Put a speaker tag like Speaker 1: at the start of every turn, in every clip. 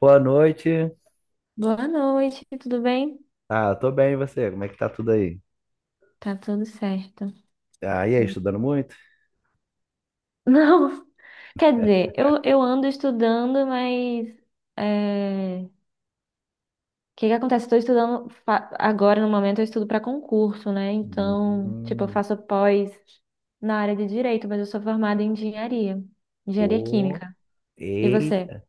Speaker 1: Boa noite.
Speaker 2: Boa noite, tudo bem?
Speaker 1: Ah, tô bem, e você? Como é que tá tudo aí?
Speaker 2: Tá tudo certo.
Speaker 1: Ah, e aí, estudando muito?
Speaker 2: Não, quer dizer, eu ando estudando, mas é, o que que acontece? Estou estudando agora, no momento, eu estudo para concurso, né? Então, tipo, eu
Speaker 1: Hum,
Speaker 2: faço pós na área de direito, mas eu sou formada em engenharia, engenharia
Speaker 1: pô,
Speaker 2: química. E você?
Speaker 1: eita.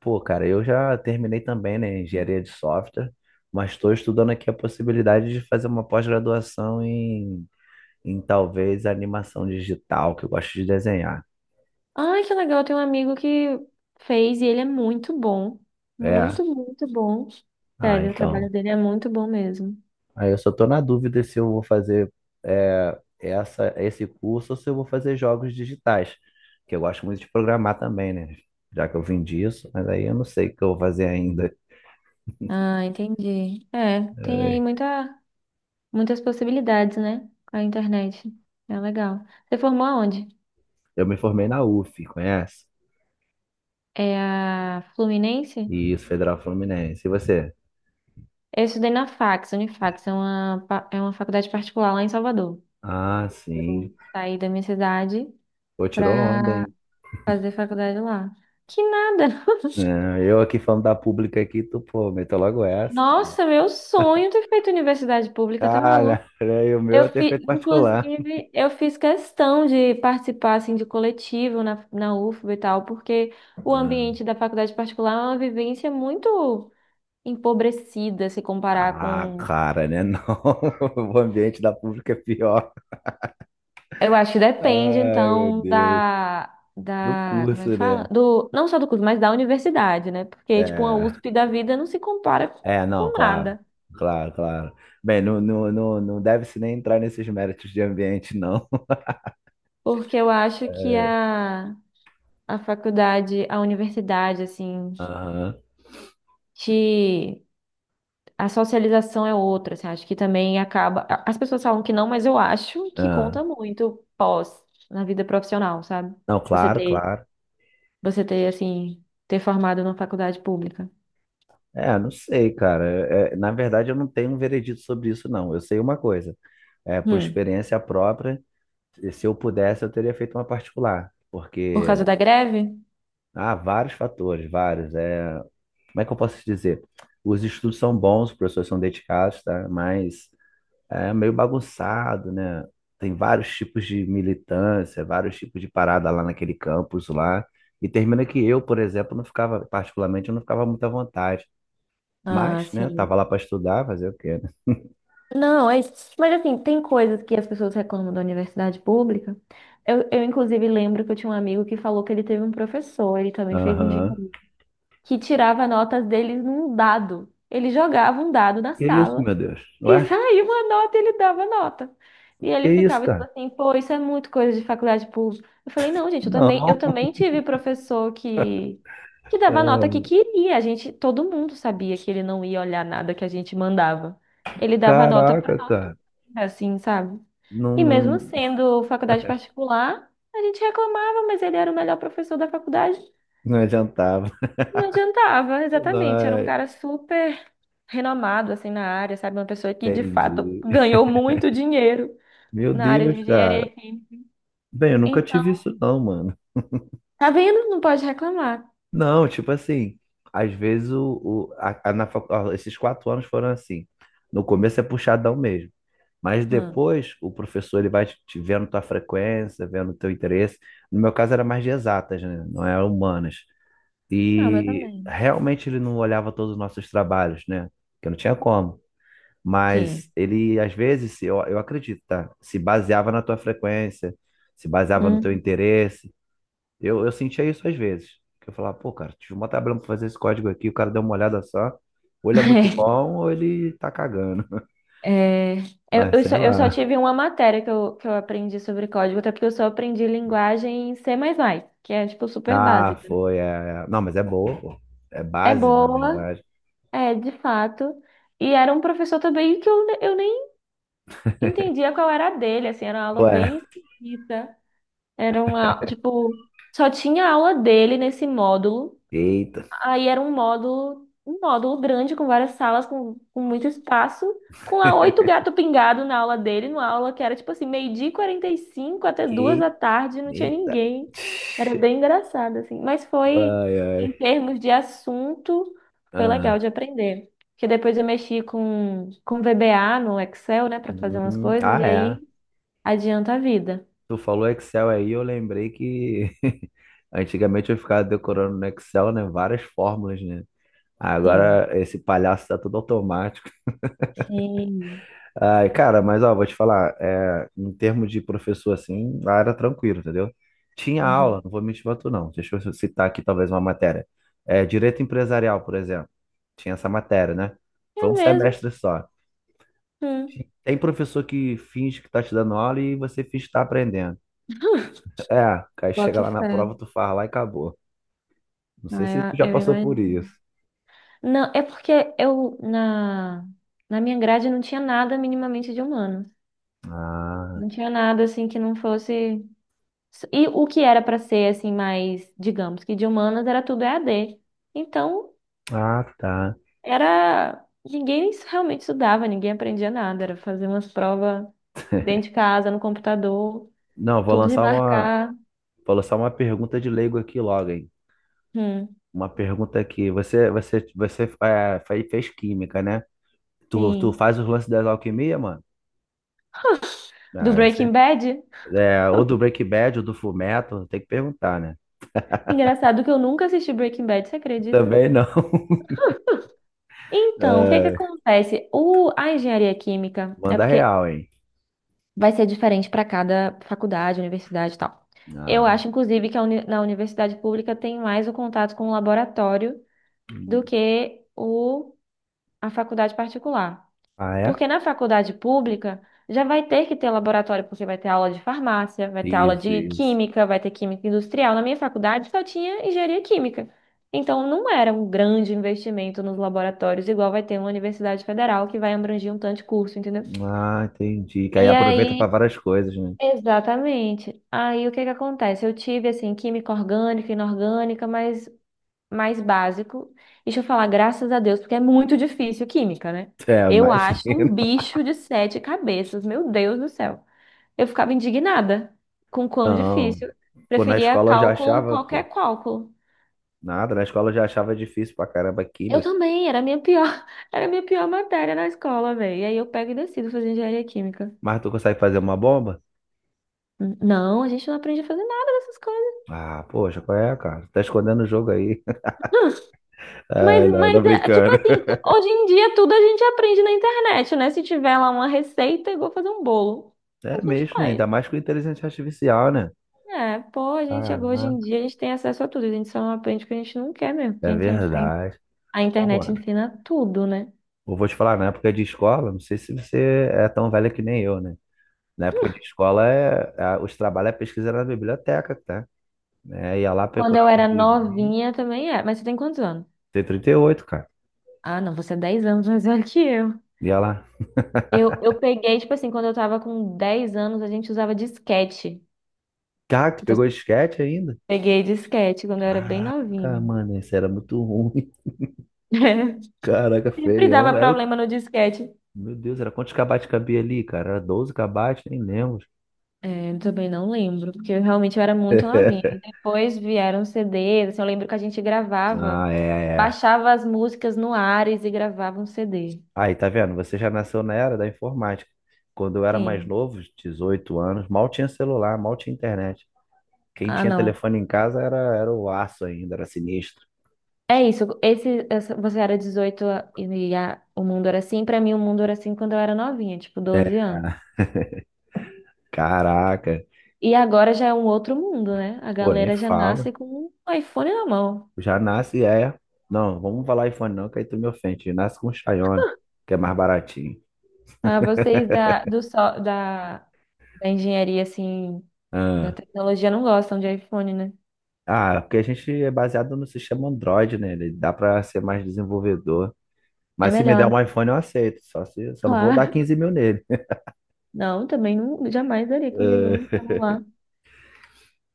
Speaker 1: Pô, cara, eu já terminei também, né, engenharia de software, mas estou estudando aqui a possibilidade de fazer uma pós-graduação em talvez animação digital, que eu gosto de desenhar.
Speaker 2: Ai, que legal, eu tenho um amigo que fez e ele é muito bom.
Speaker 1: É,
Speaker 2: Muito, muito bom.
Speaker 1: ah,
Speaker 2: Sério, o trabalho
Speaker 1: então.
Speaker 2: dele é muito bom mesmo.
Speaker 1: Aí eu só tô na dúvida se eu vou fazer, esse curso ou se eu vou fazer jogos digitais, que eu gosto muito de programar também, né? Já que eu vim disso, mas aí eu não sei o que eu vou fazer ainda.
Speaker 2: Ah, entendi. É, tem aí
Speaker 1: É,
Speaker 2: muitas possibilidades, né? Com a internet. É legal. Você formou aonde?
Speaker 1: Eu me formei na UF, conhece?
Speaker 2: É a Fluminense?
Speaker 1: Isso, Federal Fluminense. E você?
Speaker 2: Eu estudei na Fax, Unifax, é é uma faculdade particular lá em Salvador.
Speaker 1: Ah, sim.
Speaker 2: Eu saí da minha cidade
Speaker 1: Pô, tirou onda,
Speaker 2: pra
Speaker 1: hein?
Speaker 2: fazer faculdade lá. Que nada!
Speaker 1: É, eu aqui falando da pública aqui, tu, pô, meteu logo essa.
Speaker 2: Nossa, meu sonho ter feito universidade pública, tá
Speaker 1: Ah, né?
Speaker 2: maluco.
Speaker 1: E o meu tem feito particular.
Speaker 2: Inclusive, eu fiz questão de participar assim, de coletivo na UFBA e tal, porque o ambiente da faculdade particular é uma vivência muito empobrecida se comparar
Speaker 1: Ah,
Speaker 2: com.
Speaker 1: cara, né? Não, o ambiente da pública é pior.
Speaker 2: Eu acho que depende,
Speaker 1: Ai, meu
Speaker 2: então,
Speaker 1: Deus. Do
Speaker 2: como é que
Speaker 1: curso,
Speaker 2: fala?
Speaker 1: né?
Speaker 2: Não só do curso, mas da universidade, né? Porque, tipo, uma
Speaker 1: É,
Speaker 2: USP da vida não se compara
Speaker 1: é, não,
Speaker 2: com
Speaker 1: claro,
Speaker 2: nada.
Speaker 1: claro, claro. Bem, não, não, não, não deve-se nem entrar nesses méritos de ambiente, não.
Speaker 2: Porque eu acho que
Speaker 1: É,
Speaker 2: a faculdade, a universidade, assim,
Speaker 1: aham,
Speaker 2: te. A socialização é outra, assim, acho que também As pessoas falam que não, mas eu acho que
Speaker 1: ah.
Speaker 2: conta muito pós na vida profissional, sabe?
Speaker 1: Não,
Speaker 2: Você
Speaker 1: claro,
Speaker 2: ter,
Speaker 1: claro.
Speaker 2: você ter assim, ter formado na faculdade pública.
Speaker 1: É, não sei, cara. É, é, na verdade, eu não tenho um veredito sobre isso, não. Eu sei uma coisa. É, por
Speaker 2: Hum,
Speaker 1: experiência própria, se eu pudesse, eu teria feito uma particular.
Speaker 2: por
Speaker 1: Porque
Speaker 2: causa da greve?
Speaker 1: há vários fatores, vários. É, como é que eu posso te dizer? Os estudos são bons, os professores são dedicados, tá? Mas é meio bagunçado, né? Tem vários tipos de militância, vários tipos de parada lá naquele campus lá. E termina que eu, por exemplo, não ficava, particularmente, eu não ficava muito à vontade.
Speaker 2: Ah,
Speaker 1: Mas, né, tava
Speaker 2: sim.
Speaker 1: lá para estudar, fazer o quê, né?
Speaker 2: Não, é, isso. Mas assim, tem coisas que as pessoas reclamam da universidade pública. Eu inclusive, lembro que eu tinha um amigo que falou que ele teve um professor, ele também fez
Speaker 1: Aham.
Speaker 2: engenharia, que tirava notas deles num dado. Ele jogava um dado na
Speaker 1: Que isso,
Speaker 2: sala.
Speaker 1: meu Deus?
Speaker 2: E
Speaker 1: Ué?
Speaker 2: saía uma nota, ele dava nota. E
Speaker 1: Que
Speaker 2: ele
Speaker 1: isso,
Speaker 2: ficava tipo
Speaker 1: cara?
Speaker 2: assim, pô, isso é muito coisa de faculdade pública. Eu falei, não, gente, eu
Speaker 1: Não.
Speaker 2: também tive professor que dava nota
Speaker 1: É,
Speaker 2: que queria. A gente, todo mundo sabia que ele não ia olhar nada que a gente mandava. Ele dava nota pra
Speaker 1: Caraca,
Speaker 2: nota,
Speaker 1: cara.
Speaker 2: assim, sabe?
Speaker 1: Não,
Speaker 2: E mesmo
Speaker 1: não,
Speaker 2: sendo faculdade particular, a gente reclamava, mas ele era o melhor professor da faculdade.
Speaker 1: não adiantava.
Speaker 2: Não adiantava, exatamente. Era um
Speaker 1: Ai,
Speaker 2: cara super renomado assim na área, sabe? Uma pessoa que de fato
Speaker 1: entendi.
Speaker 2: ganhou muito dinheiro
Speaker 1: Meu
Speaker 2: na área de
Speaker 1: Deus,
Speaker 2: engenharia
Speaker 1: cara.
Speaker 2: aqui.
Speaker 1: Bem, eu nunca
Speaker 2: Então,
Speaker 1: tive isso, não, mano.
Speaker 2: tá vendo? Não pode reclamar.
Speaker 1: Não, tipo assim, às vezes o, a- na facu- ó, esses 4 anos foram assim. No começo é puxadão mesmo, mas
Speaker 2: Hum.
Speaker 1: depois o professor ele vai te vendo tua frequência, vendo teu interesse. No meu caso era mais de exatas, né? Não era humanas.
Speaker 2: Não, meu
Speaker 1: E
Speaker 2: também.
Speaker 1: realmente ele não olhava todos os nossos trabalhos, né? Porque não tinha como. Mas
Speaker 2: Sim.
Speaker 1: ele, às vezes, eu acredito, tá? Se baseava na tua frequência, se baseava no teu
Speaker 2: Hum.
Speaker 1: interesse. Eu sentia isso às vezes. Que eu falava, pô, cara, tive uma tabela pra fazer esse código aqui, o cara deu uma olhada só. Ou ele é muito bom, ou ele tá cagando.
Speaker 2: É,
Speaker 1: Mas sei
Speaker 2: eu só
Speaker 1: lá.
Speaker 2: tive uma matéria que eu aprendi sobre código, até porque eu só aprendi linguagem em C++, que é, tipo, super
Speaker 1: Ah,
Speaker 2: básica.
Speaker 1: foi. É, é. Não, mas é boa, pô. É
Speaker 2: É
Speaker 1: base, na
Speaker 2: boa,
Speaker 1: verdade.
Speaker 2: é, de fato. E era um professor também eu nem entendia qual era a dele, assim, era uma aula
Speaker 1: Ué,
Speaker 2: bem esquisita. Era uma, tipo, só tinha aula dele nesse módulo.
Speaker 1: eita.
Speaker 2: Aí era um módulo grande com várias salas, com muito espaço, com lá 8 gato pingado na aula dele, numa aula que era tipo assim, meio-dia e 45 até duas
Speaker 1: Que-
Speaker 2: da tarde, não tinha
Speaker 1: Eita.
Speaker 2: ninguém. Era bem engraçado, assim. Mas foi,
Speaker 1: Ai,
Speaker 2: em
Speaker 1: ai.
Speaker 2: termos de assunto, foi legal
Speaker 1: Ah,
Speaker 2: de aprender. Porque depois eu mexi com VBA no Excel, né, para fazer umas coisas,
Speaker 1: ah,
Speaker 2: e
Speaker 1: é.
Speaker 2: aí adianta a vida.
Speaker 1: Tu falou Excel aí, eu lembrei que antigamente eu ficava decorando no Excel, né? Várias fórmulas, né?
Speaker 2: Sim.
Speaker 1: Agora esse palhaço tá tudo automático.
Speaker 2: Sim.
Speaker 1: Ai, cara, mas ó, vou te falar, é, em termos de professor, assim, lá era tranquilo, entendeu? Tinha aula,
Speaker 2: Aham.
Speaker 1: não vou mentir pra tu, não. Deixa eu citar aqui talvez uma matéria. É, direito empresarial, por exemplo. Tinha essa matéria, né?
Speaker 2: É
Speaker 1: Foi um
Speaker 2: mesmo?
Speaker 1: semestre só.
Speaker 2: Hum.
Speaker 1: Tem professor que finge que tá te dando aula e você finge que tá aprendendo. É, aí chega
Speaker 2: Boto
Speaker 1: lá na
Speaker 2: fé.
Speaker 1: prova, tu faz lá e acabou. Não sei se tu
Speaker 2: Ah,
Speaker 1: já
Speaker 2: eu
Speaker 1: passou por
Speaker 2: imagino.
Speaker 1: isso.
Speaker 2: Não, é porque na minha grade não tinha nada minimamente de humano.
Speaker 1: Ah,
Speaker 2: Não tinha nada assim que não fosse. E o que era pra ser assim mais, digamos que de humanas era tudo EAD. Então,
Speaker 1: ah, tá.
Speaker 2: era ninguém realmente estudava, ninguém aprendia nada, era fazer umas provas dentro de casa, no computador,
Speaker 1: Não, vou
Speaker 2: tudo de
Speaker 1: lançar uma,
Speaker 2: marcar.
Speaker 1: vou lançar uma pergunta de leigo aqui logo, hein?
Speaker 2: Hum,
Speaker 1: Uma pergunta aqui. Você fez química, né? Tu
Speaker 2: sim.
Speaker 1: faz os lances das alquimia, mano?
Speaker 2: Do
Speaker 1: Ah, eu
Speaker 2: Breaking
Speaker 1: sempre,
Speaker 2: Bad?
Speaker 1: é, ou do Breaking Bad, ou do Fullmetal, tem que perguntar, né?
Speaker 2: Engraçado que eu nunca assisti Breaking Bad, você acredita?
Speaker 1: Também não.
Speaker 2: Então, o que que
Speaker 1: É,
Speaker 2: acontece? A engenharia química é
Speaker 1: manda
Speaker 2: porque
Speaker 1: real, hein?
Speaker 2: vai ser diferente para cada faculdade, universidade e tal. Eu
Speaker 1: Ah,
Speaker 2: acho, inclusive, que na universidade pública tem mais o contato com o laboratório do
Speaker 1: hum.
Speaker 2: que a faculdade particular.
Speaker 1: Ah, é?
Speaker 2: Porque na faculdade pública já vai ter que ter laboratório, porque vai ter aula de farmácia, vai ter aula
Speaker 1: Isso,
Speaker 2: de
Speaker 1: isso.
Speaker 2: química, vai ter química industrial. Na minha faculdade só tinha engenharia química. Então não era um grande investimento nos laboratórios, igual vai ter uma universidade federal que vai abranger um tanto de curso, entendeu?
Speaker 1: Ah, entendi. Que aí
Speaker 2: E
Speaker 1: aproveita pra
Speaker 2: aí,
Speaker 1: várias coisas, né?
Speaker 2: exatamente. Aí o que que acontece? Eu tive assim química orgânica, inorgânica, mas mais básico. Deixa eu falar, graças a Deus, porque é muito difícil química, né?
Speaker 1: É,
Speaker 2: Eu acho um
Speaker 1: imagina.
Speaker 2: bicho de sete cabeças, meu Deus do céu. Eu ficava indignada com o quão
Speaker 1: Não.
Speaker 2: difícil.
Speaker 1: Pô, na
Speaker 2: Preferia
Speaker 1: escola eu já
Speaker 2: cálculo,
Speaker 1: achava, pô,
Speaker 2: qualquer cálculo.
Speaker 1: nada. Na escola eu já achava difícil pra caramba
Speaker 2: Eu
Speaker 1: química.
Speaker 2: também, era a minha pior, era a minha pior matéria na escola, velho. E aí eu pego e decido fazer engenharia química.
Speaker 1: Mas tu consegue fazer uma bomba?
Speaker 2: Não, a gente não aprende a fazer nada dessas coisas.
Speaker 1: Ah, poxa, qual é, cara? Tá escondendo o jogo aí.
Speaker 2: Mas,
Speaker 1: Ah, não, tô
Speaker 2: mas, é, tipo
Speaker 1: brincando.
Speaker 2: assim, hoje em dia tudo a gente aprende na internet, né? Se tiver lá uma receita, é igual fazer um bolo, a
Speaker 1: É
Speaker 2: gente
Speaker 1: mesmo, né?
Speaker 2: faz.
Speaker 1: Ainda mais com inteligência artificial, né?
Speaker 2: É, pô, hoje em
Speaker 1: Caraca,
Speaker 2: dia a gente tem acesso a tudo, a gente só não aprende o que a gente não quer mesmo, porque
Speaker 1: é verdade.
Speaker 2: a
Speaker 1: Bom,
Speaker 2: internet
Speaker 1: mano,
Speaker 2: ensina tudo, né?
Speaker 1: eu vou te falar, na época de escola, não sei se você é tão velha que nem eu, né? Na época de escola, os trabalhos, a pesquisa era na biblioteca, tá? É, ia lá
Speaker 2: Quando
Speaker 1: procurar
Speaker 2: eu
Speaker 1: os
Speaker 2: era
Speaker 1: livrinhos.
Speaker 2: novinha também é, mas você tem quantos anos?
Speaker 1: Tem 38, cara.
Speaker 2: Ah, não, você é 10 anos mais velho que eu.
Speaker 1: Ia lá.
Speaker 2: Eu peguei, tipo assim, quando eu tava com 10 anos, a gente usava disquete.
Speaker 1: Cara, tu
Speaker 2: Então,
Speaker 1: pegou
Speaker 2: eu
Speaker 1: disquete ainda?
Speaker 2: peguei disquete quando eu era bem
Speaker 1: Cara,
Speaker 2: novinha.
Speaker 1: mano, isso era muito ruim. Caraca,
Speaker 2: Sempre dava
Speaker 1: feião. Era o
Speaker 2: problema no disquete.
Speaker 1: Meu Deus, era quantos kbytes cabia ali, cara? Era 12 kbytes, nem lembro.
Speaker 2: É, eu também não lembro, porque eu realmente era muito novinha. E depois vieram CDs, assim, eu lembro que a gente gravava,
Speaker 1: Ah, é, é.
Speaker 2: baixava as músicas no Ares e gravava um CD.
Speaker 1: Aí, tá vendo? Você já nasceu na era da informática. Quando eu era mais
Speaker 2: Sim.
Speaker 1: novo, 18 anos, mal tinha celular, mal tinha internet. Quem
Speaker 2: Ah,
Speaker 1: tinha
Speaker 2: não.
Speaker 1: telefone em casa era o aço ainda, era sinistro.
Speaker 2: É isso. Você era 18 a- e a- o mundo era assim. Pra mim, o mundo era assim quando eu era novinha, tipo
Speaker 1: É,
Speaker 2: 12 anos.
Speaker 1: caraca.
Speaker 2: E agora já é um outro mundo, né? A
Speaker 1: Pô, nem
Speaker 2: galera já
Speaker 1: fala.
Speaker 2: nasce com um iPhone na mão.
Speaker 1: Já nasce, é. Não, vamos falar iPhone não, que aí tu me ofende. Nasce com Xiaomi, que é mais baratinho.
Speaker 2: Ah, vocês da engenharia, assim. Da
Speaker 1: Ah.
Speaker 2: tecnologia não gostam de iPhone, né?
Speaker 1: Ah, porque a gente é baseado no sistema Android, né? Ele dá pra ser mais desenvolvedor.
Speaker 2: É
Speaker 1: Mas se me der
Speaker 2: melhor, né?
Speaker 1: um iPhone, eu aceito. Só não vou dar
Speaker 2: Claro.
Speaker 1: 15 mil nele.
Speaker 2: Não, também não, jamais daria 15 mil num celular.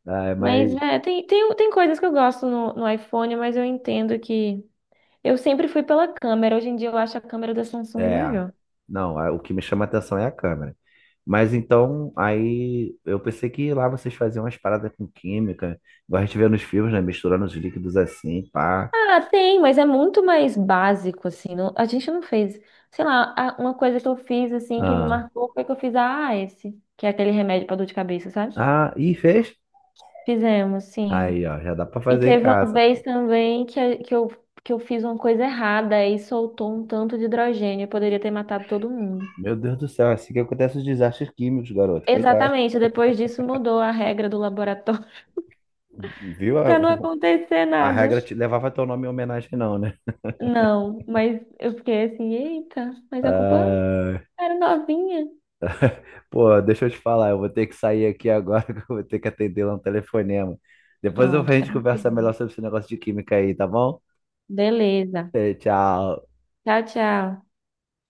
Speaker 1: Eh, ah, mas,
Speaker 2: Mas, é, tem coisas que eu gosto no iPhone, mas eu entendo que. Eu sempre fui pela câmera. Hoje em dia eu acho a câmera da Samsung
Speaker 1: é.
Speaker 2: melhor.
Speaker 1: Não, ah, o que me chama a atenção é a câmera. Mas então, aí eu pensei que lá vocês faziam umas paradas com química, igual a gente vê nos filmes, né? Misturando os líquidos assim, pá.
Speaker 2: Ah, tem, mas é muito mais básico, assim. A gente não fez. Sei lá, uma coisa que eu fiz, assim, que me
Speaker 1: Ah,
Speaker 2: marcou foi que eu fiz a AS, que é aquele remédio pra dor de cabeça, sabe?
Speaker 1: ah, e fez?
Speaker 2: Fizemos, sim.
Speaker 1: Aí, ó, já dá pra
Speaker 2: E
Speaker 1: fazer em
Speaker 2: teve uma
Speaker 1: casa.
Speaker 2: vez também que eu fiz uma coisa errada e soltou um tanto de hidrogênio. Eu poderia ter matado todo mundo.
Speaker 1: Meu Deus do céu, é assim que acontece os desastres químicos, garoto. Cuidado.
Speaker 2: Exatamente, depois disso mudou a regra do laboratório
Speaker 1: Viu?
Speaker 2: para não acontecer
Speaker 1: A
Speaker 2: nada.
Speaker 1: regra te levava teu nome em homenagem, não, né?
Speaker 2: Não, mas eu fiquei assim, eita, mas a culpa
Speaker 1: Ah,
Speaker 2: era novinha.
Speaker 1: pô, deixa eu te falar, eu vou ter que sair aqui agora, que eu vou ter que atender lá um telefonema. Depois a
Speaker 2: Pronto,
Speaker 1: gente conversa
Speaker 2: tranquilo.
Speaker 1: melhor sobre esse negócio de química aí, tá bom?
Speaker 2: Beleza.
Speaker 1: Eh, tchau.
Speaker 2: Tchau, tchau.